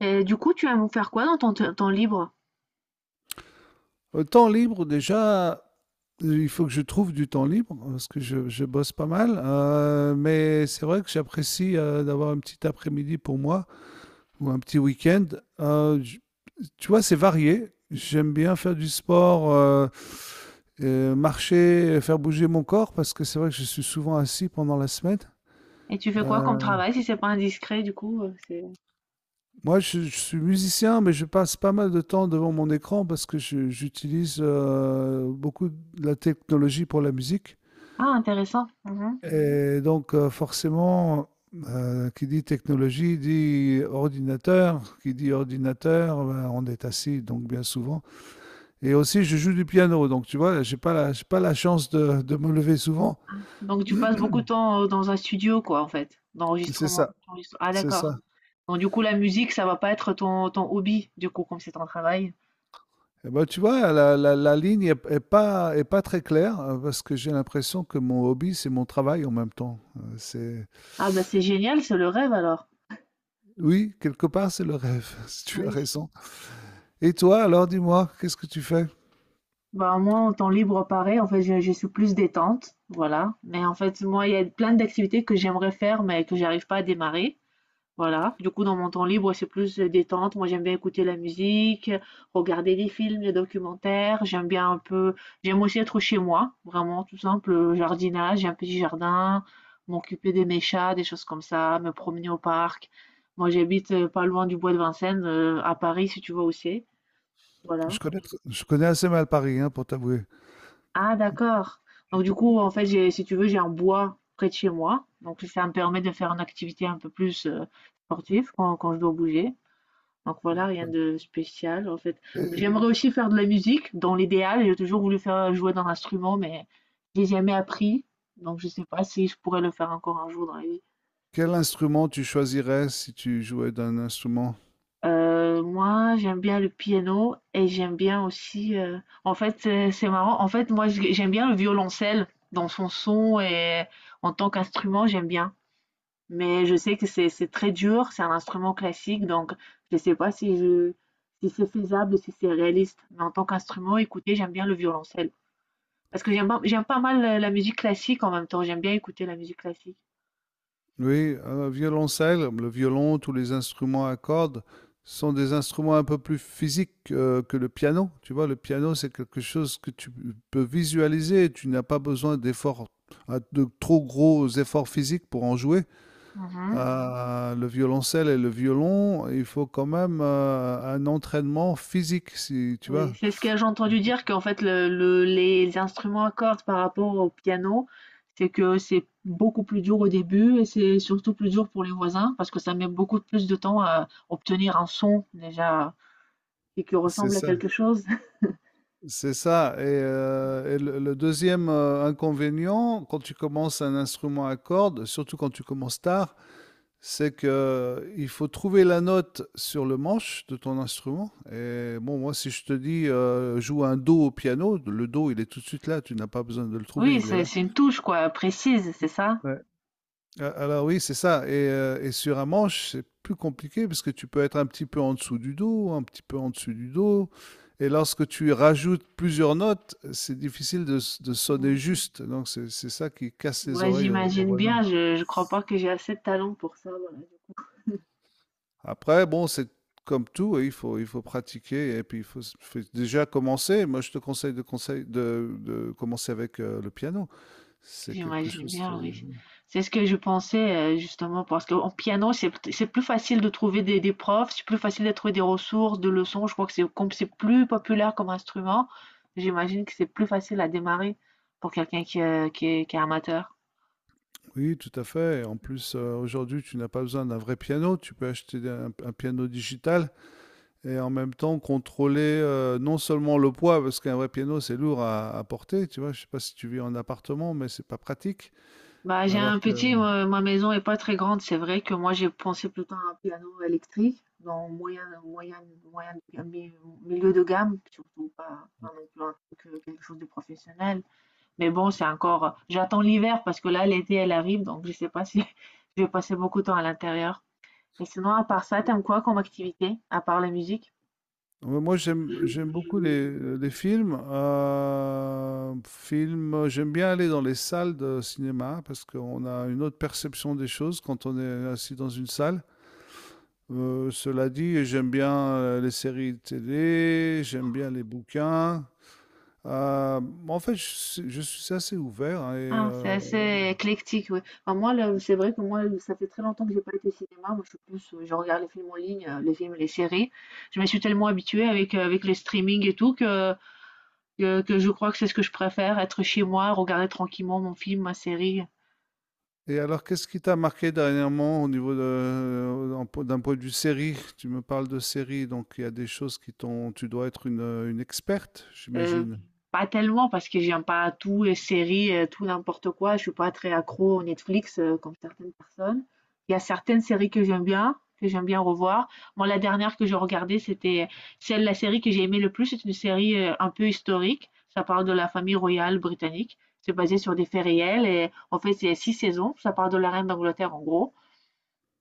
Et du coup, tu aimes vous faire quoi dans ton temps libre? Au temps libre, déjà, il faut que je trouve du temps libre parce que je bosse pas mal. Mais c'est vrai que j'apprécie d'avoir un petit après-midi pour moi ou un petit week-end. Euh, j- Tu vois, c'est varié. J'aime bien faire du sport, marcher, faire bouger mon corps parce que c'est vrai que je suis souvent assis pendant la semaine. Et tu fais quoi comme Euh, travail si c'est pas indiscret, du coup, c'est... Moi, je suis musicien, mais je passe pas mal de temps devant mon écran parce que j'utilise beaucoup de la technologie pour la musique. Ah, intéressant. Mhm. Et donc, forcément, qui dit technologie dit ordinateur, qui dit ordinateur, ben, on est assis, donc bien souvent. Et aussi, je joue du piano, donc tu vois, j'ai pas la chance de me lever souvent. Donc tu passes beaucoup de temps dans un studio, quoi, en fait, C'est d'enregistrement. ça, Ah, c'est d'accord. ça. Donc du coup, la musique, ça va pas être ton hobby, du coup, comme c'est ton travail. Et ben, tu vois, la ligne est pas très claire, parce que j'ai l'impression que mon hobby, c'est mon travail en même temps. Ah, bah c'est génial, c'est le rêve alors. Oui, quelque part, c'est le rêve, si Ah, tu as oui. raison. Et toi, alors, dis-moi, qu'est-ce que tu fais? Bah moi, en temps libre, pareil, en fait, je suis plus détente, voilà. Mais en fait, moi, il y a plein d'activités que j'aimerais faire, mais que j'arrive pas à démarrer. Voilà, du coup, dans mon temps libre, c'est plus détente. Moi, j'aime bien écouter la musique, regarder des films, des documentaires. J'aime bien un peu, j'aime aussi être chez moi, vraiment tout simple, jardinage, j'ai un petit jardin, m'occuper de mes chats, des choses comme ça, me promener au parc. Moi, j'habite pas loin du bois de Vincennes, à Paris, si tu vois aussi. Voilà. Je connais, je connais assez mal Paris, hein, pour t'avouer. Ah, d'accord. Donc, du coup, en fait, j'ai, si tu veux, j'ai un bois près de chez moi. Donc, ça me permet de faire une activité un peu plus sportive quand je dois bouger. Donc voilà, rien de spécial en fait. Et J'aimerais aussi faire de la musique, dans l'idéal. J'ai toujours voulu faire jouer d'un instrument, mais j'ai jamais appris. Donc je sais pas si je pourrais le faire encore un jour dans la vie. quel instrument tu choisirais si tu jouais d'un instrument? Moi, j'aime bien le piano et j'aime bien aussi, en fait, c'est marrant. En fait, moi, j'aime bien le violoncelle dans son son et en tant qu'instrument, j'aime bien. Mais je sais que c'est très dur, c'est un instrument classique, donc je ne sais pas si je si c'est faisable, si c'est réaliste. Mais en tant qu'instrument, écoutez, j'aime bien le violoncelle. Parce que j'aime pas mal la la musique classique en même temps, j'aime bien écouter la musique classique. Oui, violoncelle, le violon, tous les instruments à cordes sont des instruments un peu plus physiques que le piano. Tu vois, le piano, c'est quelque chose que tu peux visualiser. Tu n'as pas besoin d'efforts, de trop gros efforts physiques pour en jouer. Mhm. Le violoncelle et le violon, il faut quand même un entraînement physique, si tu Oui, vois. c'est ce que j'ai entendu dire qu'en fait les instruments à cordes par rapport au piano, c'est que c'est beaucoup plus dur au début et c'est surtout plus dur pour les voisins parce que ça met beaucoup plus de temps à obtenir un son déjà et qui C'est ressemble à ça. quelque chose. C'est ça. Et le 2e, inconvénient, quand tu commences un instrument à cordes, surtout quand tu commences tard, c'est que il faut trouver la note sur le manche de ton instrument et bon, moi, si je te dis, «Joue un do au piano», le do, il est tout de suite là, tu n'as pas besoin de le trouver, Oui, il est c'est là. c'est une touche quoi précise, c'est ça? Ouais. Ah, alors oui, c'est ça. Et sur un manche, c'est plus compliqué parce que tu peux être un petit peu en dessous du dos, un petit peu en dessous du dos. Et lorsque tu rajoutes plusieurs notes, c'est difficile de sonner Mm. juste. Donc c'est ça qui casse les Ouais, oreilles aux, aux j'imagine voisins. bien, je crois pas que j'ai assez de talent pour ça, voilà. Après, bon, c'est comme tout, oui, il faut pratiquer et puis faut déjà commencer. Moi, je te conseille de commencer avec le piano. C'est quelque J'imagine chose. bien, oui. C'est ce que je pensais justement parce qu'en piano, c'est plus facile de trouver des profs, c'est plus facile de trouver des ressources, de leçons. Je crois que c'est comme c'est plus populaire comme instrument, j'imagine que c'est plus facile à démarrer pour quelqu'un qui est amateur. Oui, tout à fait. Et en plus, aujourd'hui, tu n'as pas besoin d'un vrai piano. Tu peux acheter un piano digital et en même temps contrôler non seulement le poids, parce qu'un vrai piano, c'est lourd à porter. Tu vois, je sais pas si tu vis en appartement, mais c'est pas pratique. Bah, j'ai un Alors que petit, ma maison est pas très grande, c'est vrai que moi j'ai pensé plutôt à un piano électrique, dans moyen, mi- milieu de gamme, surtout pas non plus un truc, quelque chose de professionnel. Mais bon, c'est encore. J'attends l'hiver parce que là, l'été, elle arrive, donc je sais pas si je vais passer beaucoup de temps à l'intérieur. Et sinon, à part ça, t'aimes quoi comme activité, à part la musique? mhm. Ouais, moi, j'aime beaucoup les films. Films, j'aime bien aller dans les salles de cinéma parce qu'on a une autre perception des choses quand on est assis dans une salle. Cela dit, j'aime bien les séries télé, j'aime bien les bouquins. Euh, En fait, je suis assez ouvert, hein, Ah, c'est assez éclectique, oui. Enfin, moi, là, c'est vrai que moi, ça fait très longtemps que j'ai pas été au cinéma. Moi, je suis plus, je regarde les films en ligne, les films, les séries. Je me suis tellement habituée avec, avec les streaming et tout que je crois que c'est ce que je préfère, être chez moi, regarder tranquillement mon film, ma série. et alors, qu'est-ce qui t'a marqué dernièrement au niveau de, d'un point de vue série? Tu me parles de série, donc il y a des choses qui t'ont. Tu dois être une experte, Heu, j'imagine. pas tellement parce que j'aime pas tout, les séries, tout n'importe quoi. Je suis pas très accro aux Netflix, comme certaines personnes. Il y a certaines séries que j'aime bien revoir. Moi, la dernière que j'ai regardée, c'était celle la série que j'ai aimée le plus, c'est une série, un peu historique. Ça parle de la famille royale britannique. C'est basé sur des faits réels et en fait, c'est 6 saisons. Ça parle de la reine d'Angleterre, en gros,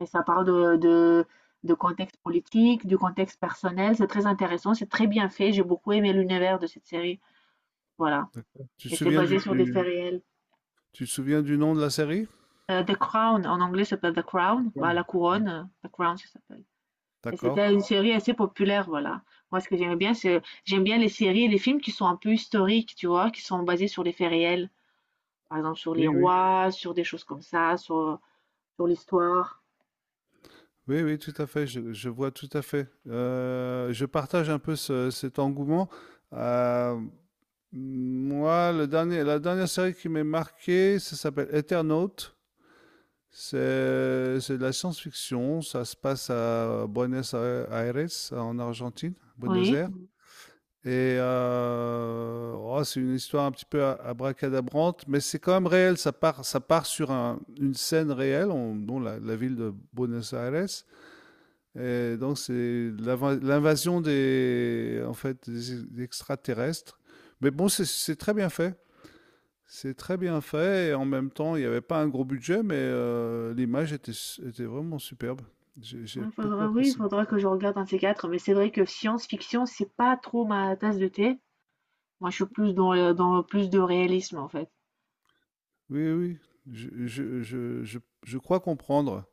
et ça parle de contexte politique, du contexte personnel. C'est très intéressant, c'est très bien fait. J'ai beaucoup aimé l'univers de cette série. Voilà, D'accord. Et c'est basé sur des faits réels. Tu te souviens du nom de la série? The Crown, en anglais, ça s'appelle The Crown, bah, Non. la couronne, The Crown, ça s'appelle, et D'accord. c'était une série assez populaire, voilà. Moi, ce que j'aime bien, c'est j'aime bien les séries et les films qui sont un peu historiques, tu vois? Qui sont basés sur des faits réels. Par exemple, sur les Oui, oui. rois, sur des choses comme ça, sur l'histoire. Oui, oui, tout à fait, je- vois tout à fait. Je partage un peu cet engouement. Euh, Moi, le dernier, la dernière série qui m'est marquée, ça s'appelle Eternaut. C'est de la science-fiction. Ça se passe à Buenos Aires, en Argentine, Buenos Oui, Aires. Mhm. Et c'est une histoire un petit peu abracadabrante, mais c'est quand même réel. Ça part sur une scène réelle, dont la ville de Buenos Aires. Et donc c'est l'invasion des, en fait, des extraterrestres. Mais bon, c'est très bien fait. C'est très bien fait et en même temps, il n'y avait pas un gros budget, mais l'image était, était vraiment superbe. J'ai il beaucoup faudra, oui, il apprécié. faudra que je regarde un de ces quatre, mais c'est vrai que science-fiction, c'est pas trop ma tasse de thé. Moi, je suis plus dans le dans plus de réalisme, en fait. Oui, oui, je crois comprendre.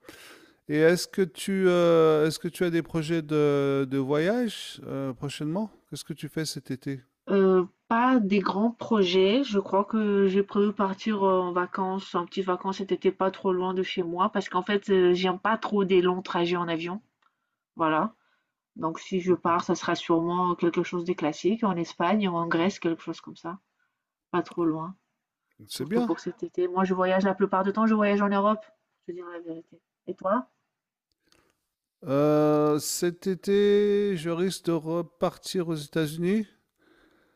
Et est-ce que est-ce que tu as des projets de voyage prochainement? Qu'est-ce que tu fais cet été? Pas des grands projets. Je crois que j'ai prévu partir, en vacances, en petites vacances cet été, pas trop loin de chez moi parce qu'en fait, j'aime pas trop des longs trajets en avion, voilà. Donc si je pars, ça sera sûrement quelque chose de classique, en Espagne ou en Grèce, quelque chose comme ça, pas trop loin, C'est surtout bien. pour cet été. Moi, je voyage la plupart du temps, je voyage en Europe, je te dire la vérité. Et toi? Cet été, je risque de repartir aux États-Unis.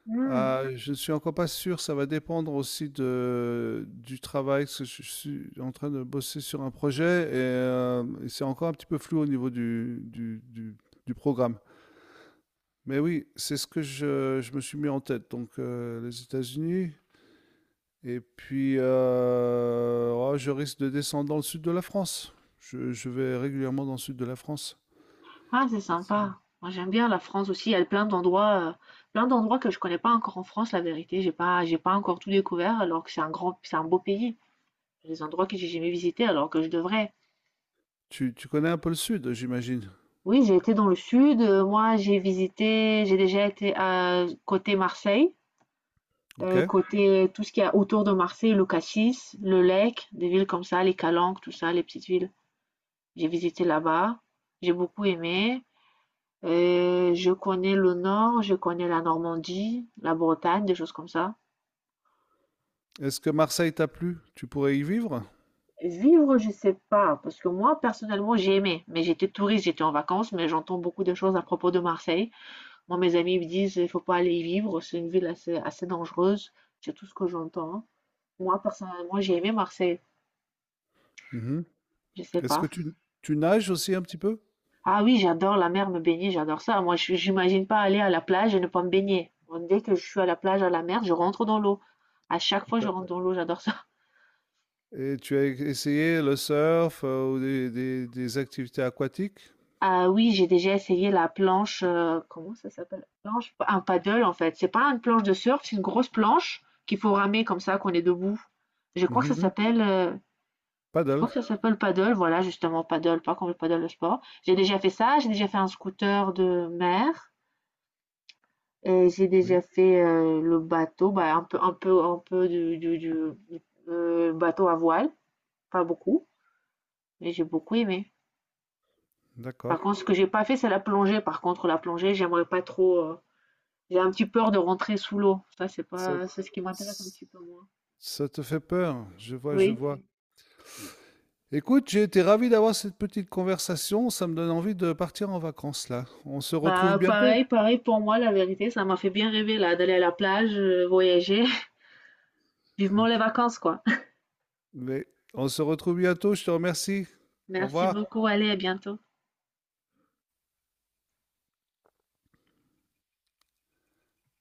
Mmh. Ah, mmh, je ne suis encore pas sûr, ça va dépendre aussi de du travail, parce que je suis en train de bosser sur un projet et c'est encore un petit peu flou au niveau du programme. Mais oui, c'est ce que je me suis mis en tête, donc les États-Unis et puis, je risque de descendre dans le sud de la France. Je vais régulièrement dans le sud de la France. Ah, c'est sympa. Moi, j'aime bien la France aussi. Il y a plein d'endroits que je connais pas encore en France, la vérité. J'ai pas encore tout découvert, alors que c'est un grand, c'est un beau pays. Il y a des endroits que j'ai jamais visités, alors que je devrais. Tu connais un peu le sud, j'imagine? Oui, j'ai été dans le sud, moi, j'ai visité, j'ai déjà été à côté Marseille, OK. côté tout ce qu'il y a autour de Marseille, le Cassis, le Lec, des villes comme ça, les Calanques, tout ça, les petites villes. J'ai visité là-bas. J'ai beaucoup aimé. Et je connais le nord, je connais la Normandie, la Bretagne, des choses comme ça. Est-ce que Marseille t'a plu? Tu pourrais y vivre? Vivre, je sais pas, parce que moi, personnellement, j'ai aimé. Mais j'étais touriste, j'étais en vacances, mais j'entends beaucoup de choses à propos de Marseille. Moi, mes amis me disent, il faut pas aller y vivre, c'est une ville assez dangereuse. C'est tout ce que j'entends, hein. Moi, personnellement, j'ai aimé Marseille. Mhm. Je sais Est-ce que pas. Tu nages aussi un petit peu? Ah oui, j'adore la mer, me baigner, j'adore ça. Moi, j'imagine pas aller à la plage et ne pas me baigner. Bon, dès que je suis à la plage, à la mer, je rentre dans l'eau. À chaque fois, je Ça- rentre dans l'eau, j'adore ça. et tu as essayé le surf ou des activités aquatiques? Ah oui, j'ai déjà essayé la planche, comment ça s'appelle? Planche un paddle en fait, c'est pas une planche de surf, c'est une grosse planche qu'il faut ramer comme ça qu'on est debout. Je crois que ça Mhm. s'appelle, je crois Paddle, que ça s'appelle paddle, voilà justement paddle, pas comme le paddle de sport. J'ai déjà fait ça, j'ai déjà fait un scooter de mer et j'ai oui, déjà fait, le bateau, bah, un peu du, bateau à voile, pas beaucoup, mais j'ai beaucoup aimé. Par d'accord. contre, ce que j'ai pas fait, c'est la plongée. Par contre, la plongée, j'aimerais pas trop, heu. J'ai un petit peur de rentrer sous l'eau. Ça, c'est Ça, pas, c'est ce qui m'intéresse un s- petit peu moins. Ça te fait peur, je vois, je Oui. vois. Écoute, j'ai été ravi d'avoir cette petite conversation. Ça me donne envie de partir en vacances là. On se retrouve Bah, bientôt. pareil, pareil pour moi, la vérité, ça m'a fait bien rêver là, d'aller à la plage, voyager. Vivement les vacances, quoi. Mais on se retrouve bientôt. Je te remercie. Au Merci revoir. beaucoup. Allez, à bientôt.